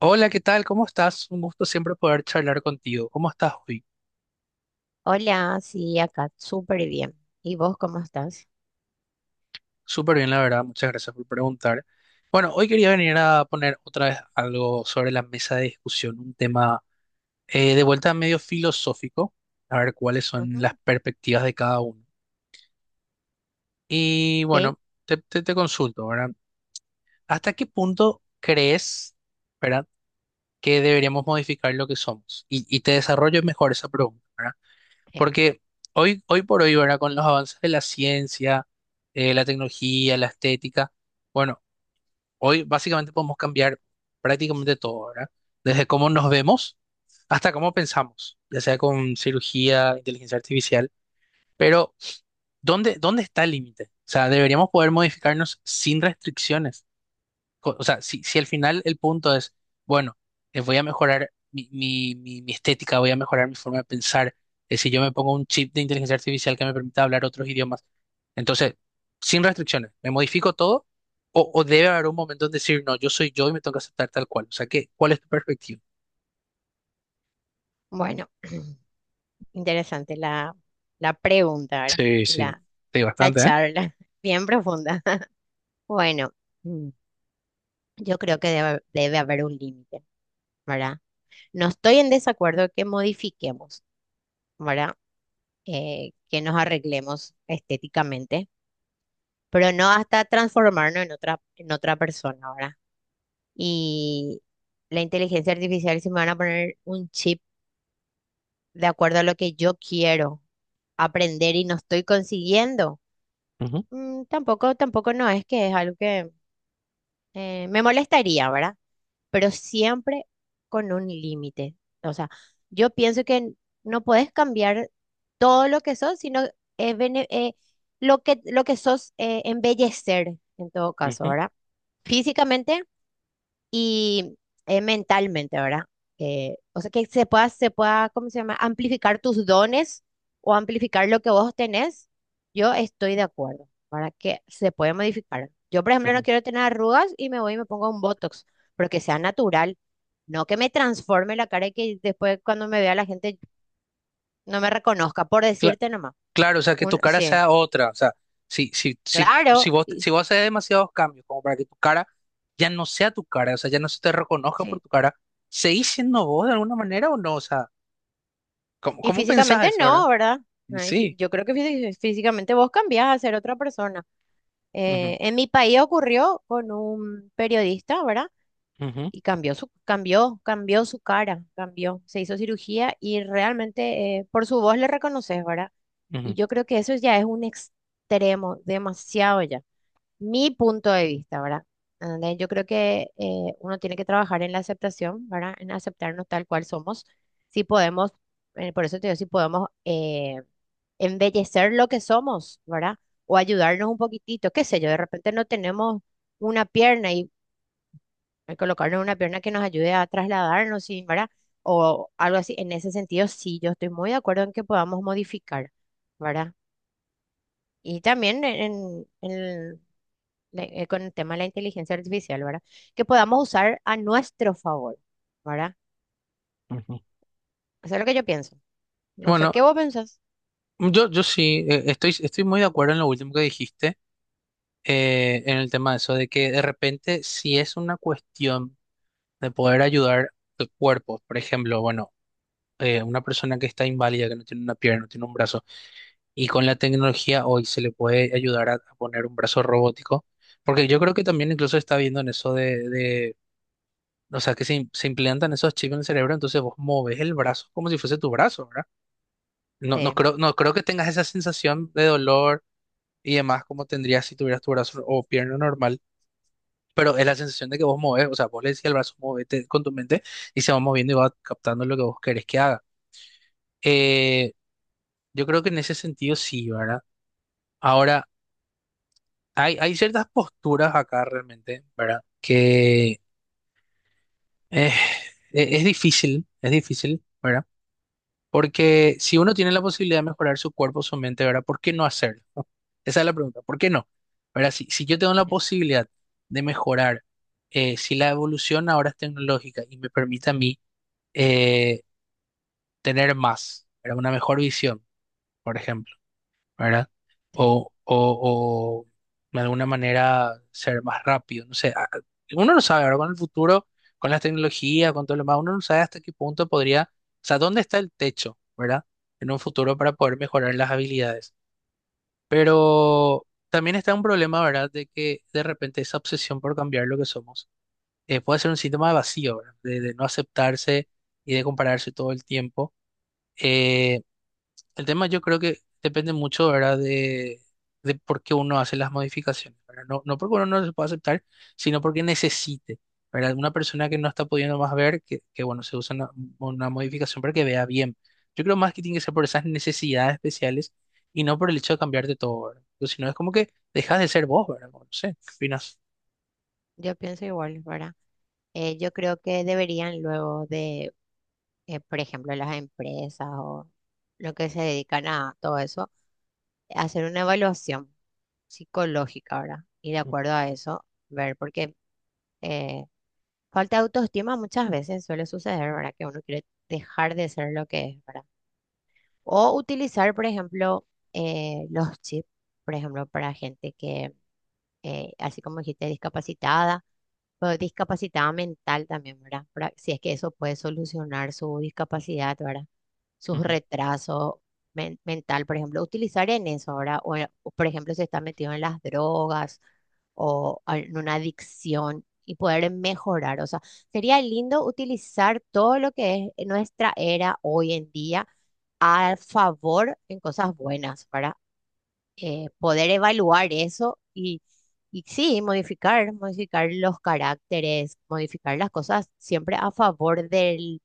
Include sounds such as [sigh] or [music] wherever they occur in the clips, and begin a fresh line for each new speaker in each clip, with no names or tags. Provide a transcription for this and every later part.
Hola, ¿qué tal? ¿Cómo estás? Un gusto siempre poder charlar contigo. ¿Cómo estás hoy?
Hola, sí, acá, súper bien. ¿Y vos cómo estás?
Súper bien, la verdad. Muchas gracias por preguntar. Bueno, hoy quería venir a poner otra vez algo sobre la mesa de discusión, un tema de vuelta medio filosófico, a ver cuáles son las
Ujú,
perspectivas de cada uno. Y
sí,
bueno, te consulto, ¿verdad? ¿Hasta qué punto crees, ¿verdad?, que deberíamos modificar lo que somos? Y te desarrollo mejor esa pregunta, ¿verdad?
sí.
Porque hoy por hoy, ¿verdad? Con los avances de la ciencia, la tecnología, la estética, bueno, hoy básicamente podemos cambiar prácticamente todo, ¿verdad? Desde cómo nos vemos hasta cómo pensamos, ya sea con cirugía, inteligencia artificial. Pero, ¿dónde está el límite? O sea, deberíamos poder modificarnos sin restricciones o sea, si al final el punto es, bueno, voy a mejorar mi estética, voy a mejorar mi forma de pensar, si yo me pongo un chip de inteligencia artificial que me permita hablar otros idiomas, entonces, sin restricciones, ¿me modifico todo? O debe haber un momento en decir, no, yo soy yo y me tengo que aceptar tal cual. O sea, ¿qué, cuál es tu perspectiva?
Bueno, interesante la pregunta, ¿verdad?
Sí, sí,
La,
sí,
la
bastante, ¿eh?
charla, [laughs] bien profunda. [laughs] Bueno, mm, yo creo que debe haber un límite, ¿verdad? No estoy en desacuerdo que modifiquemos, ¿verdad? Que nos arreglemos estéticamente, pero no hasta transformarnos en otra persona, ¿verdad? Y la inteligencia artificial, si me van a poner un chip, de acuerdo a lo que yo quiero aprender y no estoy consiguiendo,
Ujú,
tampoco no es que es algo que me molestaría, ¿verdad? Pero siempre con un límite. O sea, yo pienso que no puedes cambiar todo lo que sos, sino eh, bene- eh, lo lo que sos, embellecer en todo caso,
ujú,
¿verdad? Físicamente y mentalmente, ¿verdad? O sea, que se pueda, ¿cómo se llama? Amplificar tus dones o amplificar lo que vos tenés, yo estoy de acuerdo, para que se puede modificar. Yo, por ejemplo,
ujú.
no quiero tener arrugas y me voy y me pongo un Botox, pero que sea natural, no que me transforme la cara y que después cuando me vea la gente no me reconozca, por
Cla-
decirte nomás.
Claro, o sea, que tu cara
Sí,
sea otra. O sea, si, si, si, si
claro,
vos, si vos haces demasiados cambios como para que tu cara ya no sea tu cara, o sea, ya no se te reconozca por
sí.
tu cara, ¿seguís siendo vos de alguna manera o no? O sea, ¿cómo,
Y
cómo pensás
físicamente
eso ahora?
no, ¿verdad?
Y
Ay,
sí.
yo creo que físicamente vos cambiás a ser otra persona.
Ujú,
En mi país ocurrió con un periodista, ¿verdad?
ujú,
Y cambió su cara, cambió, se hizo cirugía y realmente por su voz le reconoces, ¿verdad? Y
ujú,
yo creo que eso ya es un extremo, demasiado ya mi punto de vista, ¿verdad? ¿Entendés? Yo creo que uno tiene que trabajar en la aceptación, ¿verdad? En aceptarnos tal cual somos. Si podemos, por eso te digo, si podemos embellecer lo que somos, ¿verdad? O ayudarnos un poquitito, qué sé yo, de repente no tenemos una pierna y colocarnos una pierna que nos ayude a trasladarnos, sí, ¿verdad? O algo así. En ese sentido, sí, yo estoy muy de acuerdo en que podamos modificar, ¿verdad? Y también con el tema de la inteligencia artificial, ¿verdad? Que podamos usar a nuestro favor, ¿verdad?
ujú.
Eso es lo que yo pienso. No sé
Bueno,
qué vos pensás.
yo sí, estoy muy de acuerdo en lo último que dijiste, en el tema de eso, de que de repente si es una cuestión de poder ayudar a cuerpos, por ejemplo, bueno. Una persona que está inválida, que no tiene una pierna, no tiene un brazo, y con la tecnología hoy se le puede ayudar a poner un brazo robótico, porque yo creo que también incluso está viendo en eso de o sea, que se, se implantan esos chips en el cerebro, entonces vos moves el brazo como si fuese tu brazo, ¿verdad? No, no
Sí,
creo, no creo que tengas esa sensación de dolor y demás como tendrías si tuvieras tu brazo o pierna normal. Pero es la sensación de que vos moves, o sea, vos le decís al brazo, movete con tu mente y se va moviendo y va captando lo que vos querés que haga. Eh, Yo creo que en ese sentido sí, ¿verdad? Ahora, hay ciertas posturas acá realmente, ¿verdad? Que eh, es difícil, ¿verdad? Porque si uno tiene la posibilidad de mejorar su cuerpo, su mente, ¿verdad? ¿Por qué no hacerlo? [laughs] Esa es la pregunta, ¿por qué no? ¿Verdad? Si yo tengo la posibilidad de mejorar, si la evolución ahora es tecnológica y me permite a mí eh, tener más, ¿verdad? Una mejor visión, por ejemplo, ¿verdad?
sí.
O de alguna manera ser más rápido, no sé, uno no sabe, ¿verdad? Con el futuro, con las tecnologías, con todo lo demás, uno no sabe hasta qué punto podría, o sea, dónde está el techo, ¿verdad? En un futuro para poder mejorar las habilidades. Pero también está un problema, ¿verdad? De que de repente esa obsesión por cambiar lo que somos puede ser un síntoma de vacío, ¿verdad? De no aceptarse y de compararse todo el tiempo. Eh, el tema yo creo que depende mucho, ¿verdad? De por qué uno hace las modificaciones, ¿verdad? No porque uno no se pueda aceptar, sino porque necesite, ¿verdad? Una persona que no está pudiendo más ver, que bueno, se usa una modificación para que vea bien. Yo creo más que tiene que ser por esas necesidades especiales y no por el hecho de cambiarte todo, ¿verdad? Porque si no es como que dejas de ser vos, ¿verdad? Bueno, no sé, ¿qué opinas?
Yo pienso igual, ¿verdad? Yo creo que deberían, por ejemplo, las empresas o lo que se dedican a todo eso, hacer una evaluación psicológica, ¿verdad? Y de
Mm,
acuerdo a eso, ver, porque eh, falta de autoestima muchas veces suele suceder, ¿verdad? Que uno quiere dejar de ser lo que es, ¿verdad? O utilizar, por ejemplo, los chips, por ejemplo, para gente que, así como dijiste, discapacitada, o discapacitada mental también, ¿verdad? Si es que eso puede solucionar su discapacidad, ¿verdad? Sus
ujú.
retrasos mental, por ejemplo, utilizar en eso, ¿verdad? O, por ejemplo, si está metido en las drogas en una adicción y poder mejorar. O sea, sería lindo utilizar todo lo que es nuestra era hoy en día a favor en cosas buenas, para poder evaluar eso y sí, modificar los caracteres, modificar las cosas siempre a favor del,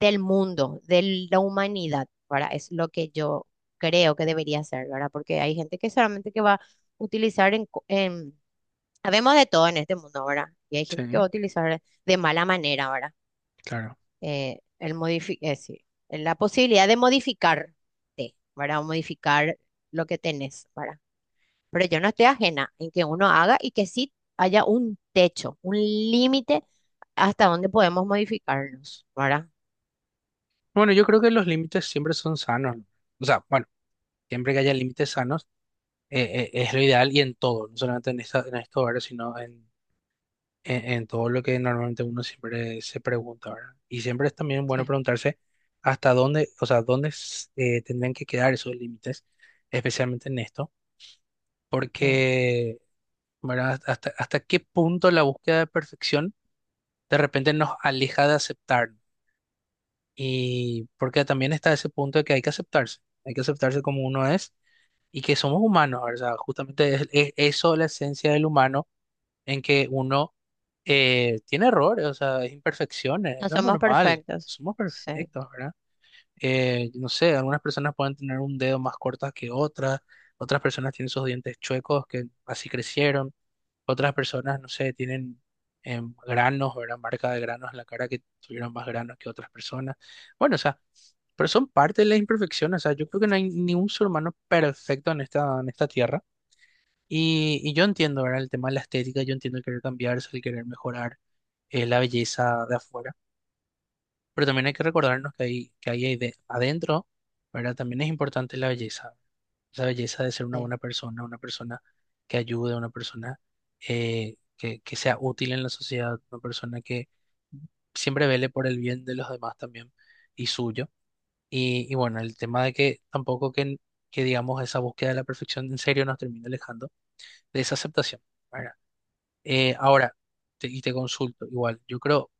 del mundo, de la humanidad, para. Es lo que yo creo que debería ser, ¿verdad? Porque hay gente que solamente que va a utilizar sabemos de todo en este mundo, ¿verdad? Y hay gente que va
Sí,
a utilizar de mala manera, ¿verdad?
claro.
Sí, la posibilidad de modificarte, ¿verdad? O modificar lo que tenés, ¿verdad? Pero yo no estoy ajena en que uno haga y que sí haya un techo, un límite hasta donde podemos modificarnos, ¿verdad?
Bueno, yo creo que los límites siempre son sanos, ¿no? O sea, bueno, siempre que haya límites sanos. Es lo ideal y en todo, no solamente en esta, en estos horarios, sino en todo lo que normalmente uno siempre se pregunta, ¿verdad? Y siempre es también bueno
Sí,
preguntarse hasta dónde, o sea, dónde tendrían que quedar esos límites, especialmente en esto,
sí.
porque, ¿verdad? Hasta qué punto la búsqueda de perfección de repente nos aleja de aceptar, ¿no? Y porque también está ese punto de que hay que aceptarse como uno es y que somos humanos, ¿verdad? Justamente es eso la esencia del humano en que uno tiene errores, o sea, es imperfecciones, es
No
lo
somos
normal,
perfectos.
somos
Sí,
perfectos, ¿verdad? No sé, algunas personas pueden tener un dedo más corto que otras, otras personas tienen sus dientes chuecos que así crecieron, otras personas, no sé, tienen granos, ¿verdad? Marca de granos en la cara que tuvieron más granos que otras personas. Bueno, o sea, pero son parte de las imperfecciones, o sea, yo creo que no hay ningún ser humano perfecto en esta tierra. Y yo entiendo, ¿verdad? El tema de la estética, yo entiendo el querer cambiarse, el querer mejorar la belleza de afuera, pero también hay que recordarnos que hay ahí adentro, ¿verdad? También es importante la belleza, esa belleza de ser una
sí.
buena persona, una persona que ayude, una persona que sea útil en la sociedad, una persona que siempre vele por el bien de los demás también y suyo. Y bueno, el tema de que tampoco que, que digamos esa búsqueda de la perfección en serio nos termine alejando de esa aceptación, ¿verdad? Ahora, y te consulto, igual,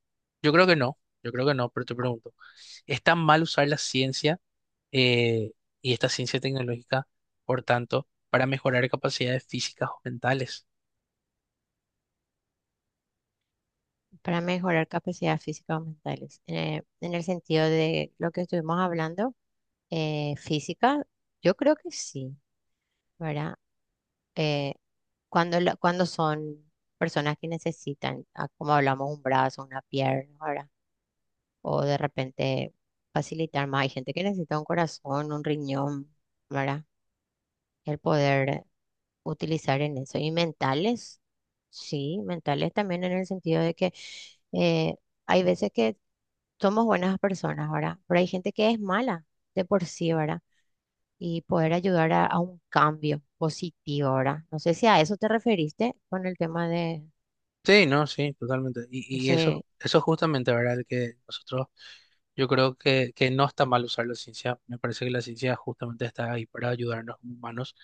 yo creo que no, yo creo que no, pero te pregunto, ¿es tan mal usar la ciencia eh, y esta ciencia tecnológica, por tanto, para mejorar capacidades físicas o mentales?
Para mejorar capacidades físicas o mentales. En el sentido de lo que estuvimos hablando, física, yo creo que sí, ¿verdad? Eh, cuando son personas que necesitan, ah, como hablamos, un brazo, una pierna, ¿verdad? O de repente facilitar más. Hay gente que necesita un corazón, un riñón, ¿verdad? El poder utilizar en eso. Y mentales, sí, mentales también en el sentido de que eh, hay veces que somos buenas personas, ¿verdad? Pero hay gente que es mala de por sí, ¿verdad? Y poder ayudar a un cambio positivo, ¿verdad? No sé si a eso te referiste con el tema de.
Sí, no, sí, totalmente. Y eso,
Sí,
eso justamente, ¿verdad? Que nosotros Yo creo que no está mal usar la ciencia. Me parece que la ciencia justamente está ahí para ayudarnos como humanos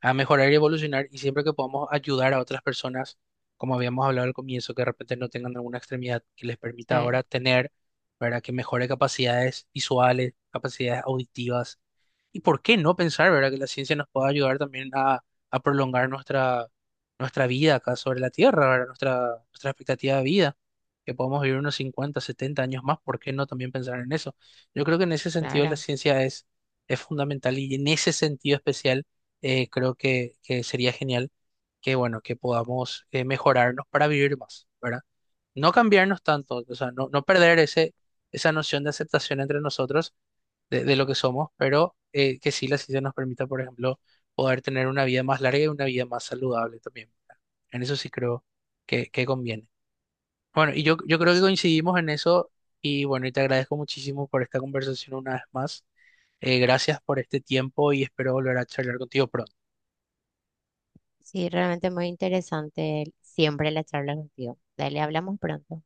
a mejorar y evolucionar. Y siempre que podamos ayudar a otras personas, como habíamos hablado al comienzo, que de repente no tengan alguna extremidad que les permita
sí,
ahora tener, para que mejore capacidades visuales, capacidades auditivas. ¿Y por qué no pensar, verdad, que la ciencia nos pueda ayudar también a prolongar nuestra, nuestra vida acá sobre la Tierra, ¿verdad? Nuestra, nuestra expectativa de vida? Que podamos vivir unos 50 o 70 años más, ¿por qué no también pensar en eso? Yo creo que en ese sentido la
claro.
ciencia es fundamental y en ese sentido especial creo que sería genial que, bueno, que podamos mejorarnos para vivir más, ¿verdad? No cambiarnos tanto, o sea, no perder ese, esa noción de aceptación entre nosotros de lo que somos, pero que sí la ciencia nos permita, por ejemplo, poder tener una vida más larga y una vida más saludable también, ¿verdad? En eso sí creo que conviene. Bueno, y yo creo que
Sí,
coincidimos en eso y bueno, y te agradezco muchísimo por esta conversación una vez más. Gracias por este tiempo y espero volver a charlar contigo pronto.
sí, realmente muy interesante siempre la charla contigo. Dale, hablamos pronto.